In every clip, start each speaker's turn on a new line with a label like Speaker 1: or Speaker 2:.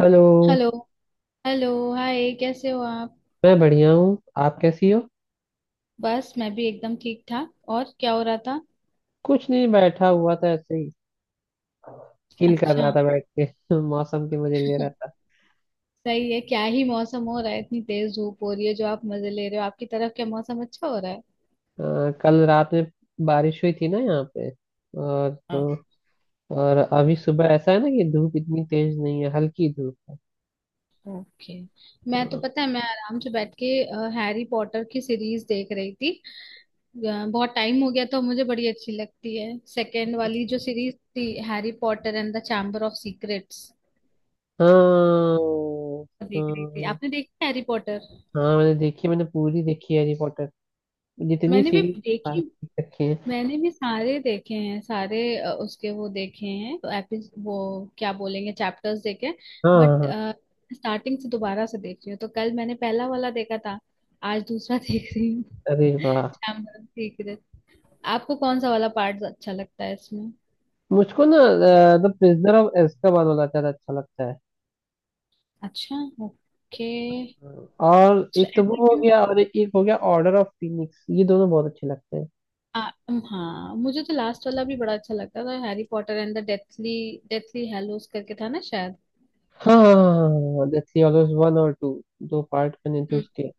Speaker 1: Hello.
Speaker 2: Hello. Hello. Hi, कैसे हो आप?
Speaker 1: मैं बढ़िया हूँ। आप कैसी हो?
Speaker 2: बस मैं भी एकदम ठीक ठाक। और क्या हो रहा था?
Speaker 1: कुछ नहीं, बैठा हुआ था ऐसे ही, चिल कर रहा
Speaker 2: अच्छा।
Speaker 1: था बैठ के मौसम के मजे ले रहा था।
Speaker 2: सही है। क्या ही मौसम हो रहा है, इतनी तेज धूप हो रही है जो आप मजे ले रहे हो। आपकी तरफ क्या मौसम अच्छा हो रहा है?
Speaker 1: कल रात में बारिश हुई थी ना यहाँ पे, और तो
Speaker 2: हाँ।
Speaker 1: और अभी सुबह ऐसा है ना कि धूप इतनी तेज नहीं है, हल्की धूप है।
Speaker 2: ओके। मैं तो,
Speaker 1: अ,
Speaker 2: पता है, मैं आराम से बैठ के हैरी पॉटर की सीरीज देख रही थी। बहुत टाइम हो गया, तो मुझे बड़ी अच्छी लगती है सेकेंड वाली जो सीरीज थी, Harry Potter and the chamber of secrets.
Speaker 1: हाँ
Speaker 2: देख रही थी। आपने
Speaker 1: हाँ
Speaker 2: देखी हैरी पॉटर?
Speaker 1: हाँ मैंने देखी, मैंने पूरी देखी है हैरी पॉटर, जितनी
Speaker 2: मैंने भी
Speaker 1: सीरीज सारी
Speaker 2: देखी।
Speaker 1: देख रखी है।
Speaker 2: मैंने भी सारे देखे हैं, सारे उसके वो देखे हैं, एपि वो क्या बोलेंगे, चैप्टर्स देखे।
Speaker 1: हाँ
Speaker 2: बट
Speaker 1: हाँ हाँ।
Speaker 2: स्टार्टिंग से दोबारा से देख रही हूँ, तो कल मैंने पहला वाला देखा था, आज दूसरा देख रही हूँ।
Speaker 1: अरे वाह!
Speaker 2: Chamber of secret. आपको कौन सा वाला पार्ट अच्छा लगता है इसमें?
Speaker 1: मुझको ना द प्रिजनर ऑफ एazkaबान वाला ज्यादा अच्छा लगता है,
Speaker 2: अच्छा। ओके।
Speaker 1: और
Speaker 2: सो
Speaker 1: एक तो वो
Speaker 2: ऐसा
Speaker 1: हो
Speaker 2: क्यों?
Speaker 1: गया और एक हो गया ऑर्डर ऑफ फिनिक्स, ये दोनों बहुत अच्छे लगते हैं।
Speaker 2: आ, हाँ, मुझे तो लास्ट वाला भी बड़ा अच्छा लगता था, Harry Potter and the deathly deathly hallows करके था ना शायद।
Speaker 1: हाँ दैट्स ऑलवेज वन और टू, दो पार्ट बने थे उसके।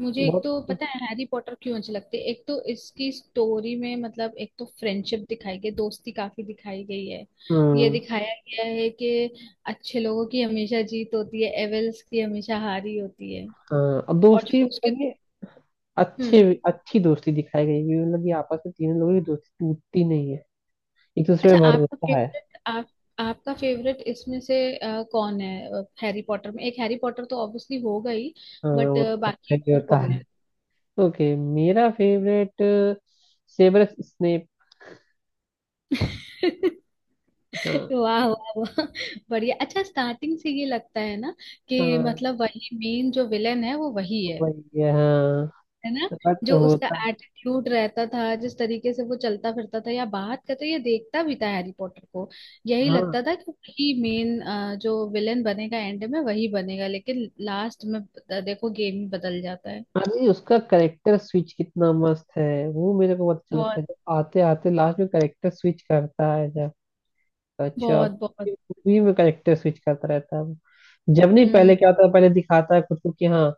Speaker 2: मुझे एक
Speaker 1: बहुत।
Speaker 2: तो पता है हैरी पॉटर क्यों अच्छी लगती है। एक तो इसकी स्टोरी में, मतलब एक तो फ्रेंडशिप दिखाई गई, दोस्ती काफी दिखाई गई है। ये
Speaker 1: हम्म।
Speaker 2: दिखाया गया है कि अच्छे लोगों की हमेशा जीत होती है, एविल्स की हमेशा हार ही होती है।
Speaker 1: हाँ अब
Speaker 2: और
Speaker 1: दोस्ती
Speaker 2: जो उसके।
Speaker 1: मतलब कि अच्छे,
Speaker 2: हम्म।
Speaker 1: अच्छी दोस्ती दिखाई गई है, मतलब कि आपस में तीनों लोगों की दोस्ती टूटती नहीं है, एक दूसरे
Speaker 2: अच्छा,
Speaker 1: में
Speaker 2: आपका
Speaker 1: भरोसा है।
Speaker 2: फेवरेट आप, आपका फेवरेट इसमें से कौन है? हैरी पॉटर में एक हैरी पॉटर तो ऑब्वियसली होगा ही।
Speaker 1: हाँ
Speaker 2: बट
Speaker 1: वो तो सबका
Speaker 2: बाकी
Speaker 1: ही
Speaker 2: और
Speaker 1: होता
Speaker 2: कौन है?
Speaker 1: है। ओके, मेरा फेवरेट सेवरस स्नेप। हाँ।
Speaker 2: वाह वाह वाह। बढ़िया। अच्छा, स्टार्टिंग से ये लगता है ना, कि
Speaker 1: हाँ
Speaker 2: मतलब वही मेन जो विलेन है वो वही
Speaker 1: तो
Speaker 2: है।
Speaker 1: वही है हाँ।
Speaker 2: है ना?
Speaker 1: बट
Speaker 2: जो उसका
Speaker 1: होता।
Speaker 2: एटीट्यूड रहता था, जिस तरीके से वो चलता फिरता था, या बात करता, या देखता भी था हैरी पॉटर को, यही
Speaker 1: हाँ,
Speaker 2: लगता था कि वही मेन जो विलेन बनेगा, एंड में वही बनेगा। लेकिन लास्ट में देखो गेम ही बदल जाता है।
Speaker 1: अरे उसका करेक्टर स्विच कितना मस्त है, वो मेरे को बहुत अच्छा लगता
Speaker 2: बहुत
Speaker 1: है जब आते आते लास्ट में करेक्टर स्विच करता है जब अच्छा
Speaker 2: बहुत बहुत।
Speaker 1: मूवी में करेक्टर स्विच करता रहता है वो। जब नहीं, पहले
Speaker 2: हम्म।
Speaker 1: क्या होता है, पहले दिखाता है खुद को कि हाँ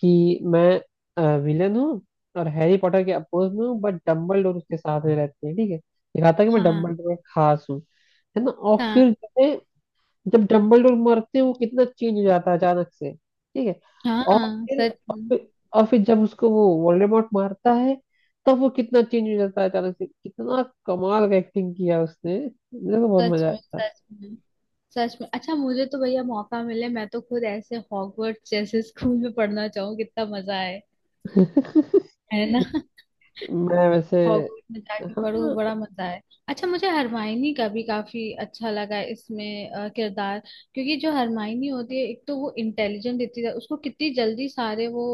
Speaker 1: कि मैं विलन हूँ और हैरी पॉटर के अपोज में हूँ, बट डम्बल डोर उसके साथ में रहते हैं, ठीक है, दिखाता है कि मैं
Speaker 2: हाँ
Speaker 1: डम्बल डोर खास हूँ, है ना? और
Speaker 2: हाँ
Speaker 1: फिर जो है जब डम्बलडोर मरते हैं वो कितना चेंज हो जाता है अचानक से, ठीक है। और
Speaker 2: हाँ,
Speaker 1: फिर
Speaker 2: सच
Speaker 1: और
Speaker 2: में।
Speaker 1: फिर और फिर जब उसको वो वोल्डेमॉर्ट मारता है तब वो कितना चेंज हो जाता है अचानक से, कितना कमाल का एक्टिंग किया उसने, मुझे तो बहुत
Speaker 2: सच
Speaker 1: मजा
Speaker 2: में
Speaker 1: आया था।
Speaker 2: सच में सच में। अच्छा, मुझे तो भैया मौका मिले, मैं तो खुद ऐसे हॉगवर्ट्स जैसे स्कूल में पढ़ना चाहूँ, कितना मजा आए। है ना?
Speaker 1: मैं वैसे
Speaker 2: हॉगवर्ट्स में जाके
Speaker 1: हाँ
Speaker 2: पढ़ू, बड़ा मजा आए। अच्छा, मुझे हरमाइनी का भी काफी अच्छा लगा इसमें किरदार। क्योंकि जो हरमाइनी होती है, एक तो वो इंटेलिजेंट इतनी उसको कितनी जल्दी सारे वो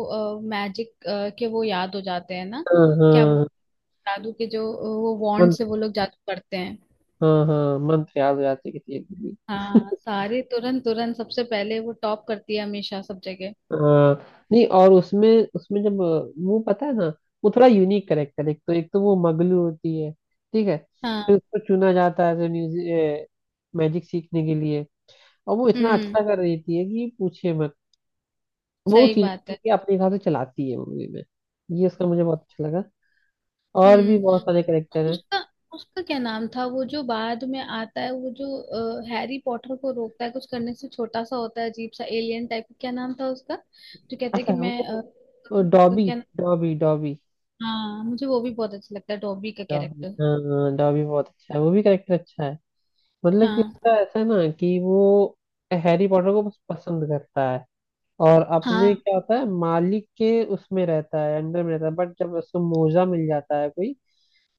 Speaker 2: मैजिक के वो याद हो जाते हैं ना।
Speaker 1: हाँ
Speaker 2: क्या वो
Speaker 1: हाँ
Speaker 2: जादू के जो वो वॉन्ड से
Speaker 1: मंत्र,
Speaker 2: वो लोग जादू करते हैं।
Speaker 1: हाँ हाँ, मंत्र याद हो जाती है किसी एक भी।
Speaker 2: हाँ, सारी तुरंत तुरंत सबसे पहले वो टॉप करती है हमेशा सब जगह।
Speaker 1: हाँ नहीं, और उसमें उसमें जब वो पता है ना वो थोड़ा यूनिक करेक्टर, एक तो वो मगलू होती है, ठीक है, फिर
Speaker 2: हाँ।
Speaker 1: उसको चुना जाता है जो म्यूजिक मैजिक सीखने के लिए, और वो इतना
Speaker 2: हम्म।
Speaker 1: अच्छा कर देती है कि पूछे मत, वो
Speaker 2: सही बात
Speaker 1: चीजों
Speaker 2: है।
Speaker 1: को अपने हिसाब से चलाती है मूवी में, ये उसका मुझे बहुत अच्छा लगा। और भी बहुत
Speaker 2: हम्म।
Speaker 1: सारे करेक्टर हैं।
Speaker 2: उसका उसका क्या नाम था वो जो बाद में आता है, वो जो हैरी पॉटर को रोकता है कुछ करने से, छोटा सा होता है, अजीब सा एलियन टाइप, क्या नाम था उसका? जो कहता है कि
Speaker 1: अच्छा
Speaker 2: मैं
Speaker 1: वो वो
Speaker 2: उसका
Speaker 1: डॉबी
Speaker 2: क्या नाम-
Speaker 1: डॉबी डॉबी
Speaker 2: हाँ, मुझे वो भी बहुत अच्छा लगता है, डॉबी का
Speaker 1: डॉबी
Speaker 2: कैरेक्टर।
Speaker 1: हाँ हाँ, डॉबी बहुत अच्छा है, वो भी करेक्टर अच्छा है, मतलब कि
Speaker 2: हाँ
Speaker 1: उसका ऐसा है ना कि वो हैरी पॉटर को बस पसंद करता है, और अपने
Speaker 2: हाँ।
Speaker 1: क्या होता है मालिक के उसमें रहता है, अंडर में रहता है, बट जब उसको मोजा मिल जाता है कोई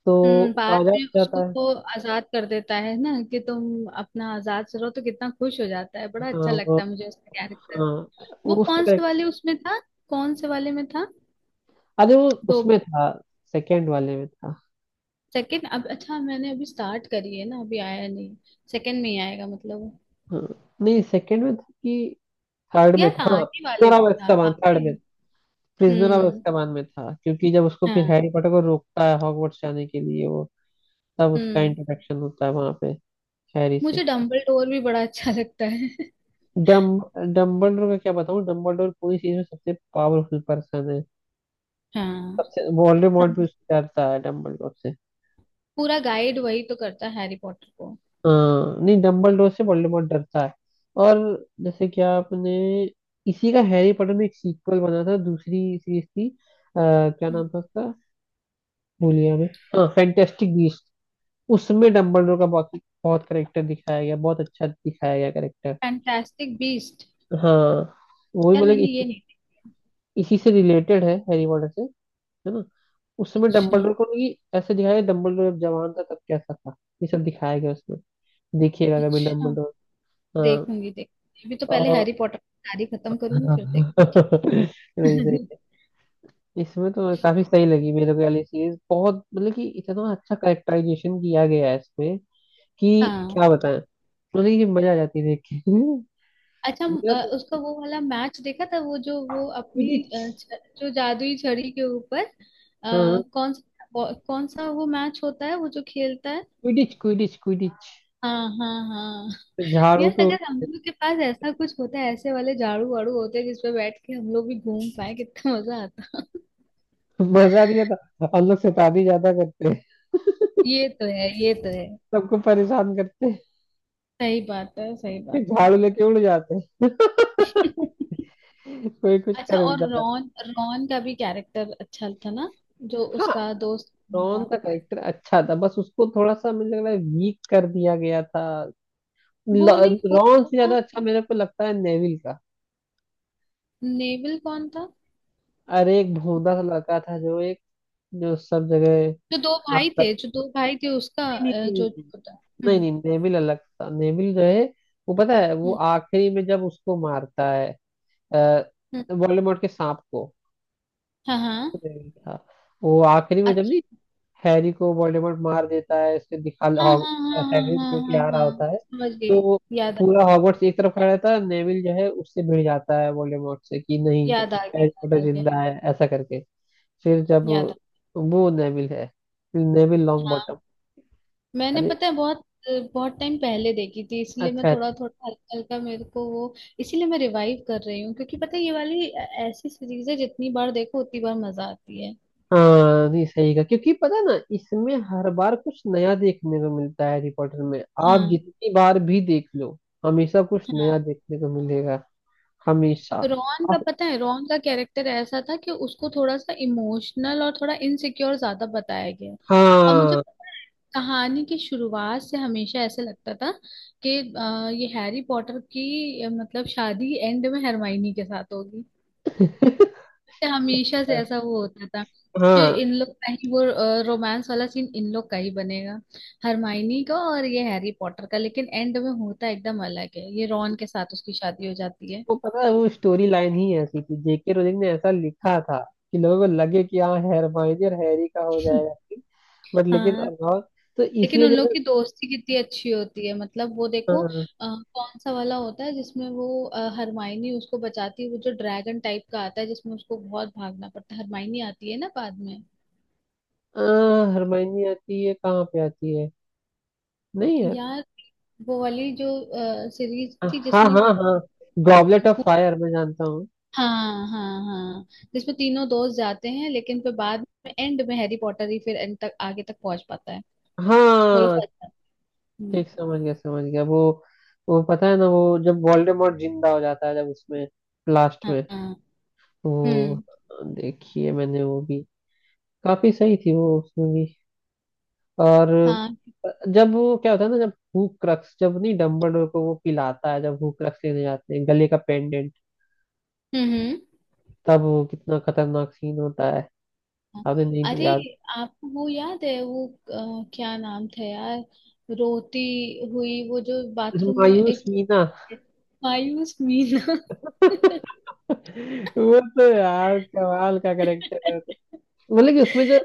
Speaker 1: तो
Speaker 2: हम्म,
Speaker 1: वो
Speaker 2: बाद
Speaker 1: आजाद
Speaker 2: में
Speaker 1: हो
Speaker 2: उसको
Speaker 1: जाता है।
Speaker 2: वो आजाद कर देता है ना कि तुम अपना आजाद से रहो, तो कितना खुश हो जाता है, बड़ा
Speaker 1: हाँ
Speaker 2: अच्छा
Speaker 1: वो
Speaker 2: लगता है मुझे उसका कैरेक्टर।
Speaker 1: हाँ, वो
Speaker 2: वो
Speaker 1: उसका
Speaker 2: कौन से
Speaker 1: correct-
Speaker 2: वाले उसमें था? कौन से वाले में था?
Speaker 1: अरे वो
Speaker 2: दो?
Speaker 1: उसमें था, सेकंड वाले में था।
Speaker 2: सेकंड? अब अच्छा, मैंने अभी स्टार्ट करी है ना, अभी आया नहीं। सेकंड में ही आएगा मतलब?
Speaker 1: हाँ नहीं, सेकंड में था कि थर्ड में
Speaker 2: यार,
Speaker 1: था, हाँ
Speaker 2: आगे वाले में
Speaker 1: प्रिजनर ऑफ
Speaker 2: था,
Speaker 1: एazkaban,
Speaker 2: आगे।
Speaker 1: थर्ड में। Prisoner of
Speaker 2: hmm.
Speaker 1: एazkaban में था, क्योंकि जब उसको फिर
Speaker 2: हाँ।
Speaker 1: हैरी पॉटर को रोकता है हॉगवर्ट्स जाने के लिए वो, तब उसका
Speaker 2: हम्म।
Speaker 1: इंटरेक्शन होता है वहां पे हैरी से।
Speaker 2: मुझे डम्बल डोर भी बड़ा अच्छा लगता है।
Speaker 1: डम डम्बलडोर का क्या बताऊं, डम्बलडोर पूरी चीज में सबसे पावरफुल पर्सन है,
Speaker 2: हाँ।
Speaker 1: सबसे वोल्डेमॉर्ट भी
Speaker 2: समझ-
Speaker 1: उससे डरता है, डम्बलडोर से।
Speaker 2: पूरा गाइड वही तो करता है हैरी पॉटर को।
Speaker 1: हाँ नहीं, डम्बलडोर से वोल्डेमॉर्ट डरता है, और जैसे कि आपने इसी का हैरी पॉटर में एक सीक्वल बना था, दूसरी सीरीज थी, क्या नाम था उसका, भूल गया मैं, हाँ फैंटेस्टिक बीस्ट, उसमें डम्बलडोर का बहुत बहुत करेक्टर दिखाया गया, बहुत अच्छा दिखाया गया करेक्टर।
Speaker 2: Fantastic beast.
Speaker 1: हाँ वो भी
Speaker 2: यार
Speaker 1: मतलब
Speaker 2: मैंने
Speaker 1: इसी,
Speaker 2: ये नहीं।
Speaker 1: इसी से रिलेटेड है हैरी पॉटर से, है ना? उस समय
Speaker 2: अच्छा
Speaker 1: डम्बलडोर को नहीं, ऐसे दिखाया डम्बलडोर जब जवान था तब कैसा था, ये सब दिखाया गया उसमें, देखिएगा कभी
Speaker 2: अच्छा।
Speaker 1: डम्बलडोर। हाँ
Speaker 2: देखूंगी देखूंगी, अभी तो पहले
Speaker 1: और
Speaker 2: हैरी पॉटर की सारी खत्म करूंगी, फिर देखूंगी।
Speaker 1: सही, सही है। इसमें तो काफी सही लगी मेरे को वाली सीरीज, बहुत मतलब कि इतना अच्छा कैरेक्टराइजेशन किया गया है इसमें कि
Speaker 2: हाँ।
Speaker 1: क्या बताएं, मतलब कि मजा आ जाती है देख के।
Speaker 2: अच्छा,
Speaker 1: मेरा तो
Speaker 2: उसका वो वाला मैच देखा था, वो जो वो अपनी
Speaker 1: क्विडिच,
Speaker 2: जो जादुई छड़ी के ऊपर
Speaker 1: हाँ
Speaker 2: कौन सा वो मैच होता है, वो जो खेलता है?
Speaker 1: क्विडिच क्विडिच क्विडिच
Speaker 2: हाँ हाँ हाँ।
Speaker 1: झाड़ू
Speaker 2: यार,
Speaker 1: पे
Speaker 2: अगर हम
Speaker 1: उठ-
Speaker 2: लोग के पास ऐसा कुछ होता है, ऐसे वाले झाड़ू वाड़ू होते जिसपे बैठ के हम लोग भी घूम पाए, कितना मजा आता।
Speaker 1: मजा नहीं आता, हम लोग शैतानी ज्यादा करते हैं,
Speaker 2: ये तो है, ये तो है।
Speaker 1: सबको परेशान करते,
Speaker 2: सही बात है, सही
Speaker 1: फिर
Speaker 2: बात है।
Speaker 1: झाड़ू लेके उड़ जाते हैं।
Speaker 2: अच्छा,
Speaker 1: कोई कुछ कर भी
Speaker 2: और
Speaker 1: जाता है।
Speaker 2: रॉन रॉन का भी कैरेक्टर अच्छा था ना, जो
Speaker 1: हाँ,
Speaker 2: उसका दोस्त बना
Speaker 1: रॉन
Speaker 2: था।
Speaker 1: का कैरेक्टर अच्छा था, बस उसको थोड़ा सा मुझे लग रहा है वीक कर दिया गया था,
Speaker 2: वो नहीं,
Speaker 1: ल-
Speaker 2: वो
Speaker 1: रॉन से
Speaker 2: था।
Speaker 1: ज्यादा अच्छा मेरे को लगता है नेविल का।
Speaker 2: नेविल कौन था?
Speaker 1: अरे एक भोंदा सा लड़का था जो एक, जो सब जगह खराब कर
Speaker 2: जो दो भाई थे उसका
Speaker 1: नहीं नहीं नहीं
Speaker 2: जो
Speaker 1: नहीं
Speaker 2: छोटा।
Speaker 1: नहीं,
Speaker 2: हम्म।
Speaker 1: नहीं, नहीं, नेविल अलग था, नेविल जो है वो पता है वो
Speaker 2: हम्म।
Speaker 1: आखिरी में जब उसको मारता है,
Speaker 2: हम्म,
Speaker 1: वोल्डेमॉर्ट के सांप को,
Speaker 2: हाँ हाँ।
Speaker 1: नेविल था, वो आखिरी में जब नहीं
Speaker 2: अच्छा,
Speaker 1: हैरी को वोल्डेमॉर्ट मार देता है उसके दिखा
Speaker 2: हाँ
Speaker 1: हॉग-
Speaker 2: हाँ हाँ हाँ
Speaker 1: हैग्रिड
Speaker 2: हाँ हाँ
Speaker 1: लेके
Speaker 2: हाँ
Speaker 1: आ रहा
Speaker 2: हाँ,
Speaker 1: होता है,
Speaker 2: समझ गई।
Speaker 1: तो
Speaker 2: याद आ-
Speaker 1: पूरा हॉगवर्ट्स एक तरफ खड़ा रहता है, नेविल जो है उससे भिड़ जाता है वोल्डेमॉर्ट से कि नहीं
Speaker 2: याद आ गया।
Speaker 1: हैरी पॉटर
Speaker 2: याद आ गया।
Speaker 1: जिंदा है ऐसा करके, फिर जब
Speaker 2: याद
Speaker 1: वो नेविल है, नेविल लॉन्ग
Speaker 2: आ
Speaker 1: बॉटम।
Speaker 2: मैंने,
Speaker 1: अरे
Speaker 2: पता है, बहुत बहुत टाइम पहले देखी थी, इसलिए मैं
Speaker 1: अच्छा अच्छा।
Speaker 2: थोड़ा थोड़ा हल्का हल्का मेरे को वो, इसीलिए मैं रिवाइव कर रही हूँ, क्योंकि पता है ये वाली ऐसी सीरीज है जितनी बार देखो उतनी बार मजा आती है।
Speaker 1: हाँ नहीं सही का, क्योंकि पता है ना इसमें हर बार कुछ नया देखने को मिलता है हैरी पॉटर में, आप
Speaker 2: हाँ।
Speaker 1: जितनी बार भी देख लो, हमेशा कुछ नया
Speaker 2: हाँ।
Speaker 1: देखने को मिलेगा, हमेशा।
Speaker 2: रोहन का,
Speaker 1: आप-
Speaker 2: पता है, रोहन का कैरेक्टर ऐसा था कि उसको थोड़ा सा इमोशनल और थोड़ा इनसिक्योर ज्यादा बताया गया है। और मुझे
Speaker 1: हाँ।
Speaker 2: पता है, कहानी की शुरुआत से हमेशा ऐसे लगता था कि ये हैरी पॉटर की मतलब शादी एंड में हरमाइनी के साथ होगी। हमेशा से ऐसा वो होता था कि
Speaker 1: हाँ
Speaker 2: इन लोग का ही वो रोमांस वाला सीन इन लोग का ही बनेगा, हरमाइनी का और ये हैरी पॉटर का। लेकिन एंड में होता एकदम अलग है, ये रॉन के साथ उसकी शादी हो जाती है।
Speaker 1: वो पता है वो स्टोरी लाइन ही ऐसी थी, जेके रोलिंग ने ऐसा लिखा था कि लोगों को लगे कि हाँ हरमाइनी और हैरी का हो जाएगा, बट लेकिन
Speaker 2: हाँ,
Speaker 1: अभाव, तो
Speaker 2: लेकिन
Speaker 1: इसी
Speaker 2: उन
Speaker 1: वजह
Speaker 2: लोग
Speaker 1: से
Speaker 2: की दोस्ती कितनी अच्छी होती है, मतलब वो देखो,
Speaker 1: हाँ
Speaker 2: कौन सा वाला होता है जिसमें वो हरमाइनी उसको बचाती है, वो जो ड्रैगन टाइप का आता है जिसमें उसको बहुत भागना पड़ता है, हरमाइनी आती है ना बाद में।
Speaker 1: हाँ, हरमाइनी आती है, कहाँ पे आती है, नहीं यार,
Speaker 2: यार वो वाली जो सीरीज थी
Speaker 1: हाँ
Speaker 2: जिसमें,
Speaker 1: हाँ हाँ गॉबलेट ऑफ फायर, मैं जानता हूँ।
Speaker 2: हाँ हाँ हाँ, जिसमें तीनों दोस्त जाते हैं, लेकिन फिर बाद में एंड में हैरी पॉटर ही फिर एंड तक आगे तक पहुंच पाता है, वो लोग
Speaker 1: हाँ
Speaker 2: फंस जाते हैं।
Speaker 1: ठीक, समझ गया, समझ गया, वो पता है ना वो जब वोल्डेमॉर्ट जिंदा हो जाता है जब उसमें लास्ट
Speaker 2: हाँ
Speaker 1: में,
Speaker 2: हाँ।
Speaker 1: वो
Speaker 2: हम्म।
Speaker 1: देखिए मैंने वो भी, काफी सही थी वो उसमें भी, और
Speaker 2: हाँ।
Speaker 1: जब वो क्या होता है ना जब हूक क्रक्स, जब नहीं डम्बलडोर को वो पिलाता है जब हूक क्रक्स लेने जाते हैं, गले का पेंडेंट,
Speaker 2: हम्म। हम्म।
Speaker 1: तब वो कितना खतरनाक सीन होता है,
Speaker 2: हाँ।
Speaker 1: आपने नहीं
Speaker 2: अरे,
Speaker 1: दिया याद?
Speaker 2: आपको वो याद है वो क्या नाम था यार, रोती हुई, वो जो बाथरूम में
Speaker 1: मायूस
Speaker 2: एक,
Speaker 1: मीना।
Speaker 2: मायूस मीना।
Speaker 1: वो तो यार कमाल का करेक्टर है, मतलब कि उसमें जो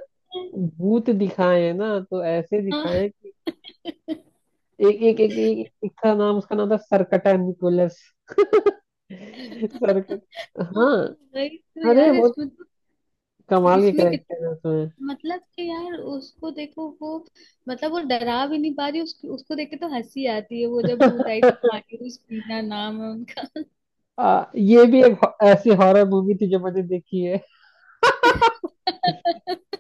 Speaker 1: भूत दिखाए हैं ना तो ऐसे दिखाए
Speaker 2: हाँ
Speaker 1: हैं कि एक एक एक एक, एक था नाम, उसका नाम था सरकटा निकोलस। सरकट,
Speaker 2: हाँ।
Speaker 1: हाँ।
Speaker 2: वही तो
Speaker 1: अरे
Speaker 2: यार,
Speaker 1: बहुत
Speaker 2: इसमें तो,
Speaker 1: कमाल के
Speaker 2: इसमें
Speaker 1: करेक्टर
Speaker 2: कितना,
Speaker 1: है उसमें।
Speaker 2: मतलब कि यार उसको देखो वो, मतलब वो डरा भी नहीं पा रही उसको उसको देख के तो हंसी आती है। वो जब भूत आई थी, मायूस पीना नाम है उनका।
Speaker 1: ये भी एक हो- ऐसी हॉरर मूवी थी जो मैंने देखी है।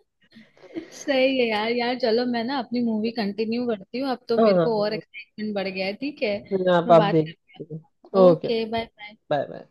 Speaker 2: सही है यार। यार चलो, मैं ना अपनी मूवी कंटिन्यू करती हूँ, अब तो
Speaker 1: हाँ
Speaker 2: मेरे को और
Speaker 1: हाँ,
Speaker 2: एक्साइटमेंट बढ़ गया है, ठीक है।
Speaker 1: यहाँ आप
Speaker 2: मैं
Speaker 1: आप
Speaker 2: बात
Speaker 1: देख
Speaker 2: करती
Speaker 1: सकते हो,
Speaker 2: हूँ।
Speaker 1: Okay,
Speaker 2: okay, bye bye.
Speaker 1: Bye bye.